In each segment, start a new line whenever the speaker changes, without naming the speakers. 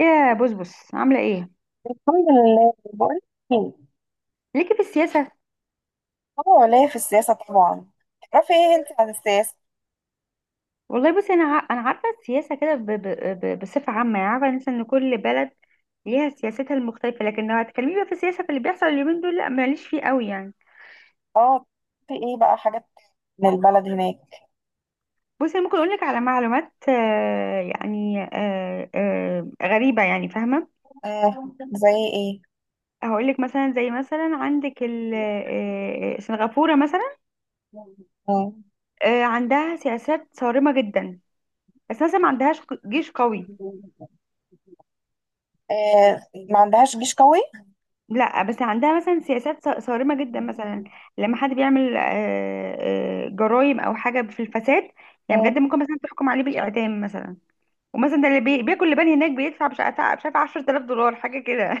يا بص بص، عامله ايه
الحمد لله. بقول ايه؟
ليكي في السياسه؟
اه، ليا في السياسة طبعا. تعرفي ايه انت عن السياسة؟
والله بصي، انا عارفه السياسه كده بصفه عامه، يعني عارفه مثلا ان كل بلد ليها سياستها المختلفه، لكن لو هتكلمي بقى في السياسه، في اللي بيحصل اليومين دول، لا ماليش فيه قوي يعني.
اه، في ايه بقى حاجات من البلد هناك؟
بصي، أنا ممكن اقول لك على معلومات، يعني غريبه يعني، فاهمه؟
آه، زي ايه؟
هقول لك مثلا، زي مثلا عندك سنغافوره مثلا.
آه.
عندها سياسات صارمه جدا، بس مثلا ما عندهاش جيش قوي.
آه. ما عندهاش جيش قوي؟
لا، بس عندها مثلا سياسات صارمة جدا، مثلا لما حد بيعمل جرائم او حاجة في الفساد، يعني
آه.
بجد ممكن مثلا تحكم عليه بالإعدام مثلا. ومثلا ده اللي بياكل لبان هناك بيدفع، مش عارفة 10000 دولار، حاجة كده.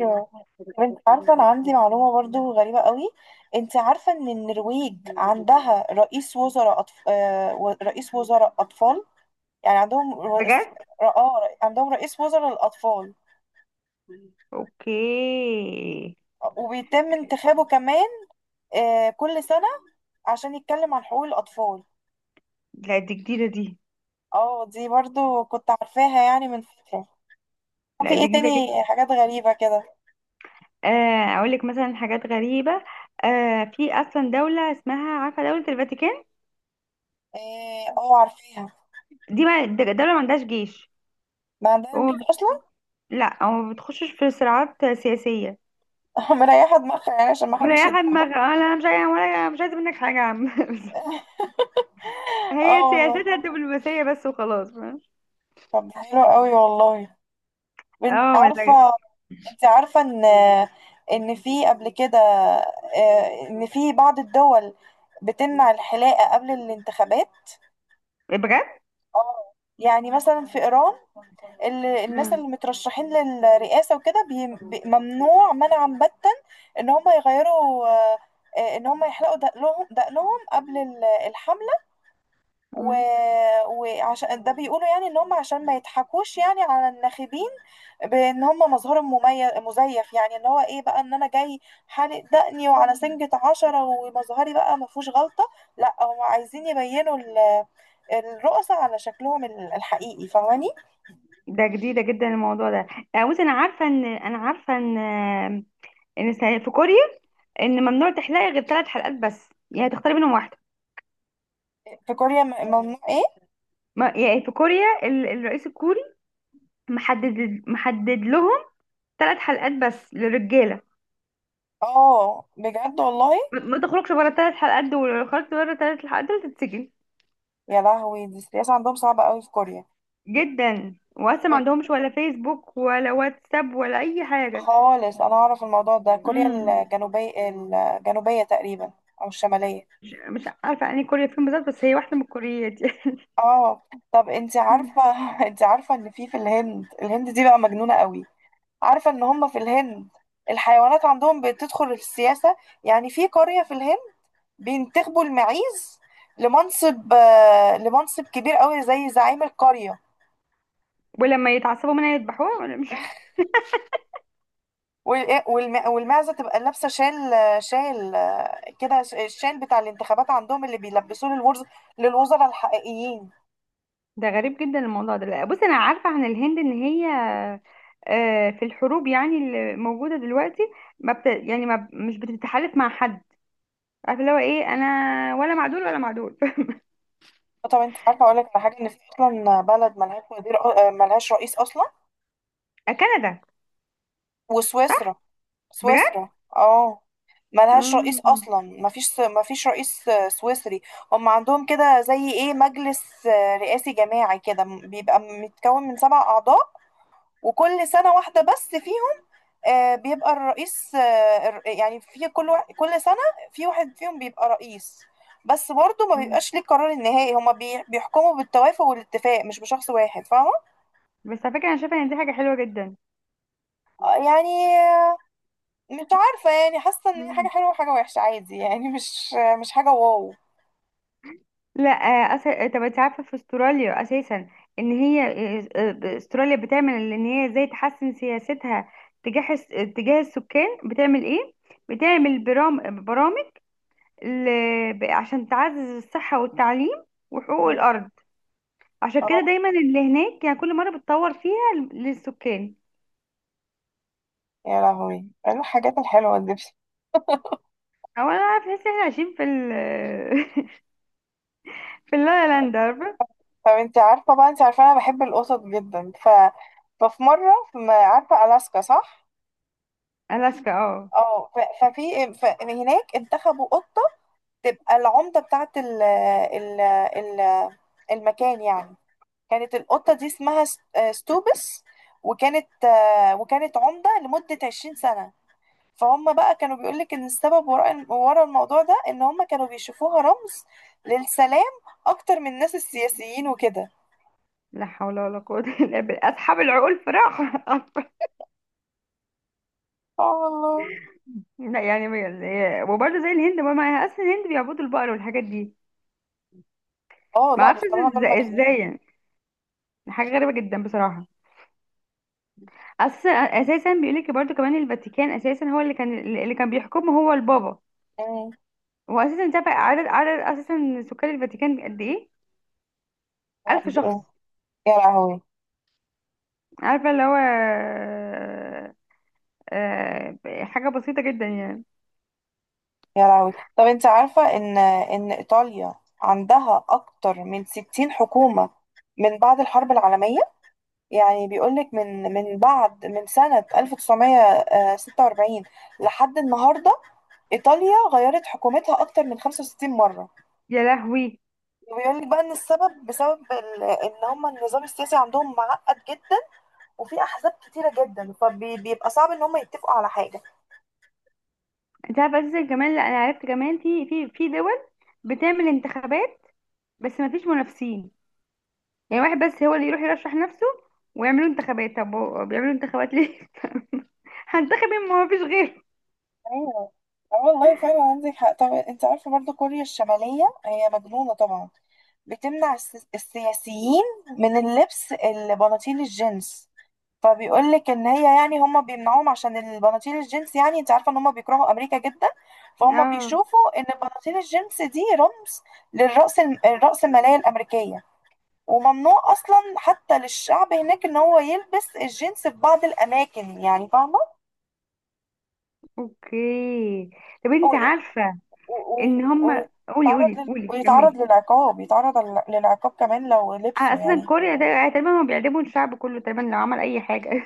ايوه. طب انت عارفة انا عندي معلومة برضو غريبة قوي. انت عارفة ان النرويج عندها رئيس وزراء رئيس وزراء اطفال. يعني عندهم رئيس...
بجد.
اه، عندهم رئيس وزراء للاطفال،
اوكي.
وبيتم انتخابه كمان كل سنة عشان يتكلم عن حقوق الأطفال.
لا، دي جديدة دي.
اه، دي برضو كنت عارفاها يعني من فترة. في
لا،
ايه
دي جديدة جدا.
تاني حاجات غريبة كده؟
اقول لك مثلا حاجات غريبة. في اصلا دولة اسمها، عارفة، دولة الفاتيكان.
اه، عارفاها.
دي ما د- دولة ما عندهاش جيش.
ما عندنا
وما
جيش
بت-
اصلا.
لا، وما بتخشش في صراعات سياسية.
مريحة دماغها، يعني عشان ما حدش
مريحة
يضربها.
دماغها، انا مش عايزة، ولا مش عايزة منك حاجة يا عم. هي
اه والله.
سياستها الدبلوماسية بس وخلاص، فاهم؟
طب ده حلو قوي والله. انت
اه،
عارفة
ولا.
انت عارفة ان في قبل كده، ان في بعض الدول بتمنع الحلاقة قبل الانتخابات.
بجد.
اه، يعني مثلا في إيران الناس اللي
آه.
مترشحين للرئاسة وكده، ممنوع منعا باتا ان هم يغيروا آه، آه، ان هم يحلقوا دقنهم قبل الحملة و...
آه.
وعشان ده بيقولوا، يعني ان هم عشان ما يضحكوش يعني على الناخبين، بان هم مظهرهم مميز مزيف، يعني ان هو ايه بقى؟ ان انا جاي حالق دقني وعلى سنجة 10، ومظهري بقى ما فيهوش غلطة. لا، هم عايزين يبينوا الرؤساء على شكلهم الحقيقي، فاهماني؟
ده جديدة جدا الموضوع ده. بصي، انا عارفة ان في كوريا، ان ممنوع تحلقي غير ثلاث حلقات بس، يعني تختاري منهم واحدة.
في كوريا، ممنوع ايه؟
ما يعني في كوريا الرئيس الكوري محدد، لهم ثلاث حلقات بس للرجالة.
اه، بجد والله؟
ما تخرجش بره الثلاث حلقات دول، لو خرجت بره الثلاث حلقات دول تتسجن
يا لهوي، دي السياسة عندهم صعبة قوي في كوريا
جدا. وأصلا ما عندهمش ولا فيسبوك ولا واتساب ولا أي حاجة.
خالص. انا اعرف الموضوع ده، كوريا
مم.
الجنوبية تقريبا، او الشمالية.
مش عارفة أنهي كوريا فين بالظبط، بس هي واحدة من الكوريات دي.
اه. طب انت
مم.
عارفة؟ انت عارفة ان في الهند؟ الهند دي بقى مجنونة قوي، عارفة ان هم في الهند الحيوانات عندهم بتدخل في السياسة. يعني في قرية في الهند بينتخبوا المعيز لمنصب كبير قوي زي زعيم القرية.
ولما يتعصبوا منها يذبحوها ولا مش؟
والمعزة تبقى لابسة شال، كده، الشال بتاع الانتخابات عندهم اللي بيلبسوه للوزراء الحقيقيين.
ده غريب جدا الموضوع ده. لا، بص، أنا عارفة عن الهند إن هي في الحروب يعني اللي موجودة دلوقتي، ما بت... يعني ما ب- مش بتتحالف مع حد، عارفة اللي هو إيه أنا، ولا مع دول ولا مع دول.
طب انت عارفة، اقول لك على حاجة؟ ان في اصلا بلد ملهاش وزير، ملهاش رئيس اصلا،
كندا.
وسويسرا.
بجد؟
سويسرا، اه، ملهاش رئيس
مم.
اصلا، مفيش رئيس سويسري. هم عندهم كده زي ايه، مجلس رئاسي جماعي كده، بيبقى متكون من 7 اعضاء. وكل سنة واحدة بس، في آه، بيبقى الرئيس، يعني في كل واحد، كل سنة في واحد فيهم بيبقى رئيس، بس برضه ما
مم.
بيبقاش ليه القرار النهائي. هما بيحكموا بالتوافق والاتفاق، مش بشخص واحد، فاهمة؟
بس على فكرة أنا شايفة إن دي حاجة حلوة جدا.
آه، يعني آه، مش عارفة، يعني حاسة ان هي حاجة حلوة وحاجة وحشة عادي، يعني مش حاجة واو.
لا. آه، أس... آه، طب انت عارفه في استراليا اساسا، ان هي استراليا بتعمل ان هي ازاي تحسن سياستها تجاه الس- تجاه السكان، بتعمل ايه؟ بتعمل برامج ل... عشان تعزز الصحه والتعليم وحقوق
مم.
الارض. عشان كده
اه،
دايما اللي هناك، يعني كل مره بتطور فيها للسكان.
يا لهوي، إيه الحاجات الحلوة دي؟
او انا عارفه لسه احنا عايشين في اللا لا لاند، عارفه.
طب انت عارفة بقى، انت عارفة انا بحب القطط جدا. ففي مرة في، ما عارفة، ألاسكا، صح؟
الاسكا، اه.
اه، هناك انتخبوا قط تبقى العمدة بتاعت ال ال ال المكان يعني. كانت القطة دي اسمها ستوبس، وكانت عمدة لمدة 20 سنة. فهم بقى كانوا بيقولك إن السبب ورا الموضوع ده إن هم كانوا بيشوفوها رمز للسلام، أكتر من الناس السياسيين وكده.
لا حول ولا قوه الا بالله، اصحاب العقول فراخ.
اه والله.
لا يعني وبرضه زي الهند، ما معاها اصل الهند بيعبدوا البقر والحاجات دي.
اه،
ما
لا
اعرفش
بصراحة دول
ازاي، ازاي
مجانين.
يعني. حاجه غريبه جدا بصراحه. اصل اساسا بيقول لك برضه كمان، الفاتيكان اساسا هو اللي كان بيحكمه هو البابا.
مم.
هو اساسا تابع عدد اساسا سكان الفاتيكان قد ايه؟ ألف
يعني
شخص
إيه؟ يا لهوي.
عارفه اللي هو حاجه بسيطه جدا يعني.
يا لهوي، طب انت عارفة ان ايطاليا عندها اكتر من 60 حكومة من بعد الحرب العالمية؟ يعني بيقولك من بعد، من سنة 1946 لحد النهاردة، ايطاليا غيرت حكومتها اكتر من 65 مرة.
يا لهوي.
وبيقولك بقى ان السبب بسبب ان هم النظام السياسي عندهم معقد جدا، وفي احزاب كتيرة جدا، فبيبقى صعب ان هم يتفقوا على حاجة.
انت عارفه اساسا كمان، لا انا عرفت كمان في دول بتعمل انتخابات بس ما فيش منافسين، يعني واحد بس هو اللي يروح يرشح نفسه ويعملوا انتخابات. طب هو بيعملوا انتخابات ليه؟ هنتخب مين؟ ما هو فيش غيره.
ايوه. اه والله فعلا عندك حق. طب انت عارفه برضه كوريا الشماليه هي مجنونه طبعا، بتمنع السياسيين من اللبس، البناطيل الجينز. فبيقول لك ان هي، يعني هم بيمنعوهم عشان البناطيل الجينز، يعني انت عارفه ان هم بيكرهوا امريكا جدا، فهم
اه،
بيشوفوا ان البناطيل الجينز دي رمز للرأس الرأس الماليه الامريكيه. وممنوع اصلا حتى للشعب هناك ان هو يلبس الجينز في بعض الاماكن، يعني فاهمه؟
اوكي. طب انت عارفة
و- ويت-
ان هم، قولي قولي قولي، كملي.
ويتعرض للعقاب كمان لو
على
لبسه
اساسا
يعني.
كوريا ده، تقريبا هم بيعدموا الشعب كله تقريبا لو عمل اي حاجة.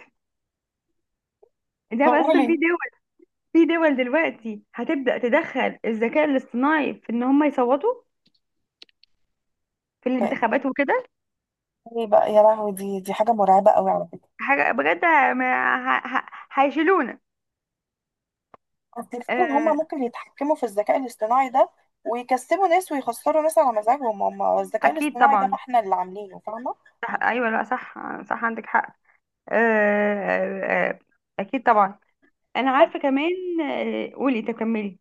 ده
طب
بس.
قولي.
في دول، في دول دلوقتي هتبدأ تدخل الذكاء الاصطناعي في ان هم يصوتوا في الانتخابات وكده.
ايه بقى؟ يا لهوي، دي حاجة مرعبة قوي على فكرة.
حاجة بجد هيشيلونا.
تفتكر ان هم
آه،
ممكن يتحكموا في الذكاء الاصطناعي ده، ويكسبوا ناس ويخسروا ناس على مزاجهم؟ هم الذكاء
اكيد
الاصطناعي ده ما
طبعا.
احنا اللي عاملينه، فاهمة؟
صح، ايوه، لا، صح. صح، عندك حق. آه، آه، آه، اكيد طبعا. انا
طب
عارفه كمان، قولي تكملي.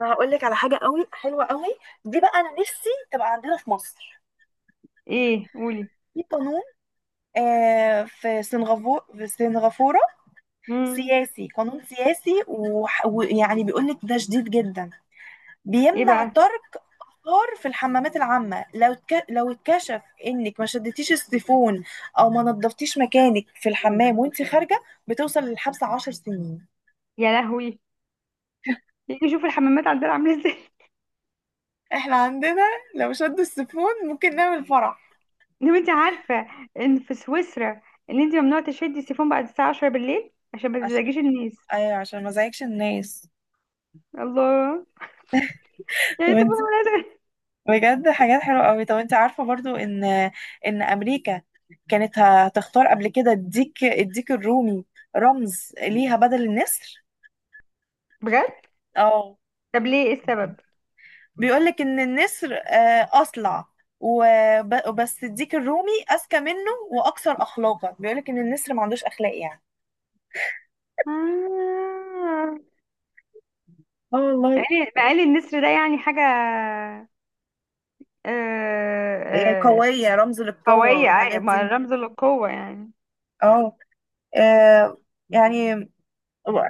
انا هقول لك على حاجة قوي حلوة قوي. دي بقى، انا نفسي تبقى عندنا في مصر،
ايه، قولي.
في قانون، في سنغافورة.
مم.
سياسي، قانون سياسي، ويعني بيقول لك ده شديد جدا.
ايه
بيمنع
بقى،
ترك خار في الحمامات العامة. لو اتكشف انك ما شدتيش السيفون، او ما نظفتيش مكانك في الحمام وانت خارجة، بتوصل للحبس 10 سنين.
يا لهوي. يجي شوف الحمامات عندنا عامله ازاي.
احنا عندنا لو شدوا السيفون ممكن نعمل فرح.
لو انت عارفه ان في سويسرا، ان انت ممنوع تشدي السيفون بعد الساعه 10 بالليل عشان ما
عشان
تزعجيش الناس.
ايوه، عشان ما ازعجش الناس.
الله. يعني سيبونا
طب،
ولا ده.
بجد حاجات حلوة قوي. طب انت عارفة برضو ان امريكا كانت هتختار قبل كده الديك الرومي رمز ليها بدل النسر.
بجد؟
اه،
طب ليه، ايه السبب؟
بيقولك ان النسر اصلع، وبس الديك الرومي اذكى منه واكثر اخلاقا، بيقولك ان النسر ما عندوش اخلاق يعني.
آه.
اه
مع
والله.
ان مع إن النسر ده يعني حاجه آه، آه،
قوية، رمز للقوة
قويه،
والحاجات
ما
دي.
رمز للقوه يعني.
اه آه، يعني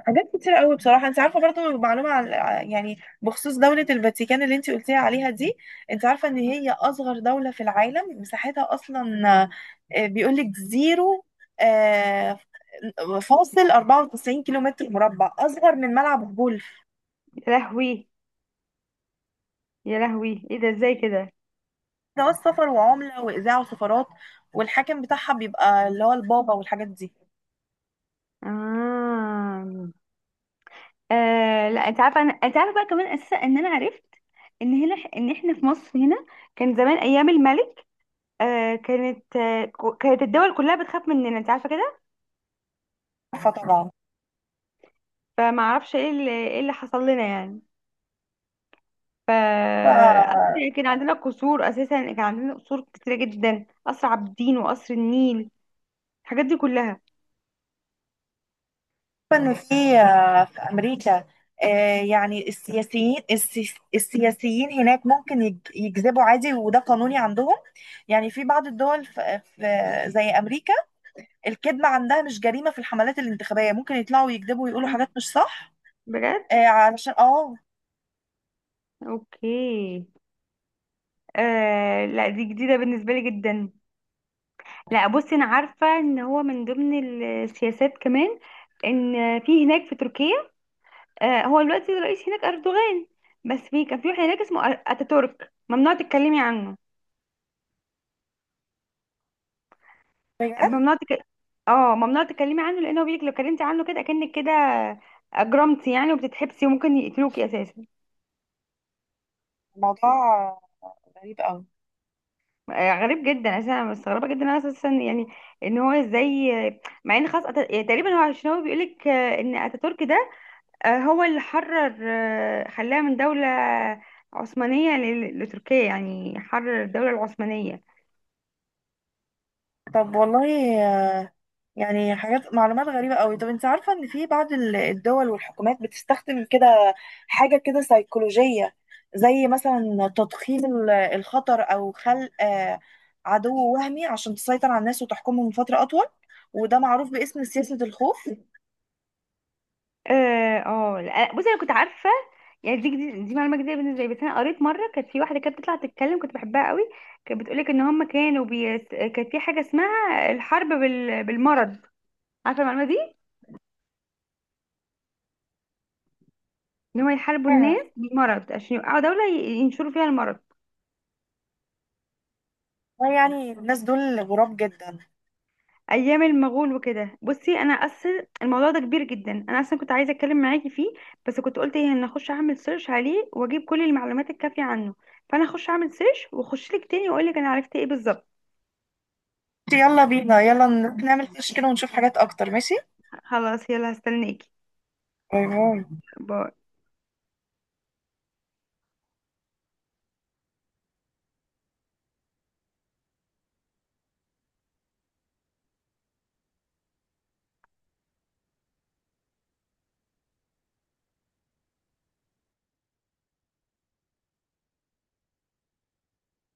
حاجات كتير قوي بصراحه. انت عارفه برضو معلومه عن، يعني بخصوص دوله الفاتيكان اللي انت قلتيها عليها دي؟ انت عارفه ان هي اصغر دوله في العالم، مساحتها اصلا بيقول لك زيرو آه، فاصل 94 كيلو متر مربع، اصغر من ملعب غولف.
يا لهوي، يا لهوي، ايه ده، ازاي كده؟
ده سفر وعمله واذاعه وسفارات، والحاكم بتاعها بيبقى اللي هو البابا والحاجات دي.
آه. لا، انت عارفه بقى كمان اساسا ان انا عرفت ان احنا في مصر هنا، كان زمان ايام الملك، كانت الدول كلها بتخاف مننا، انت عارفه كده.
فطبعا
فما اعرفش ايه اللي حصل لنا يعني. ف أساساً كان عندنا قصور كتيره جدا، قصر عابدين وقصر النيل، الحاجات دي كلها.
إنه في أمريكا، يعني السياسيين، السياسيين هناك ممكن يكذبوا عادي، وده قانوني عندهم. يعني في بعض الدول زي أمريكا، الكذب عندها مش جريمة في الحملات الانتخابية، ممكن يطلعوا يكذبوا ويقولوا حاجات مش صح.
بجد.
علشان،
اوكي. لا، دي جديده بالنسبه لي جدا. لا، بصي انا عارفه ان هو من ضمن السياسات كمان، ان في هناك في تركيا، هو دلوقتي الرئيس هناك اردوغان، بس في كان في واحد هناك اسمه اتاتورك، ممنوع تتكلمي عنه.
بجد
ممنوع تك... اه ممنوع تتكلمي عنه، لانه بيقولك لو اتكلمتي عنه كده، اكنك كده اجرمتي يعني، وبتتحبسي، وممكن يقتلوكي اساسا.
الموضوع غريب قوي.
غريب جدا اساسا، انا مستغربه جدا انا اساسا يعني، ان هو ازاي. مع ان خلاص تقريبا هو، عشان هو بيقولك ان اتاتورك ده هو اللي حرر، خلاها من دولة عثمانية لتركيا، يعني حرر الدولة العثمانية.
طب والله، يعني حاجات، معلومات غريبة قوي. طب انت عارفة ان في بعض الدول والحكومات بتستخدم كده حاجة كده سيكولوجية، زي مثلا تضخيم الخطر، او خلق عدو وهمي، عشان تسيطر على الناس وتحكمهم فترة اطول، وده معروف باسم سياسة الخوف.
اه. لا، بصي انا كنت عارفة، يعني دي معلومة جديدة بالنسبة لي، بس انا قريت مرة كانت في واحدة كانت بتطلع تتكلم، كنت بحبها قوي، كانت بتقولك ان هم كانت في حاجة اسمها الحرب بالمرض، عارفة المعلومة دي؟ ان هم يحاربوا
آه.
الناس بالمرض عشان يوقعوا دولة، ينشروا فيها المرض،
يعني الناس دول غراب جدا.
ايام المغول وكده. بصي انا اصل الموضوع ده كبير جدا، انا اصلا كنت عايزه اتكلم معاكي فيه، بس كنت قلت ايه، ان اخش اعمل سيرش عليه واجيب كل المعلومات الكافيه عنه. فانا اخش اعمل سيرش واخش لك تاني، واقول لك انا عرفت ايه بالظبط.
يلا بينا، يلا نعمل فيش كده ونشوف حاجات اكتر، ماشي؟
خلاص، يلا، هستناكي.
باي باي.
باي.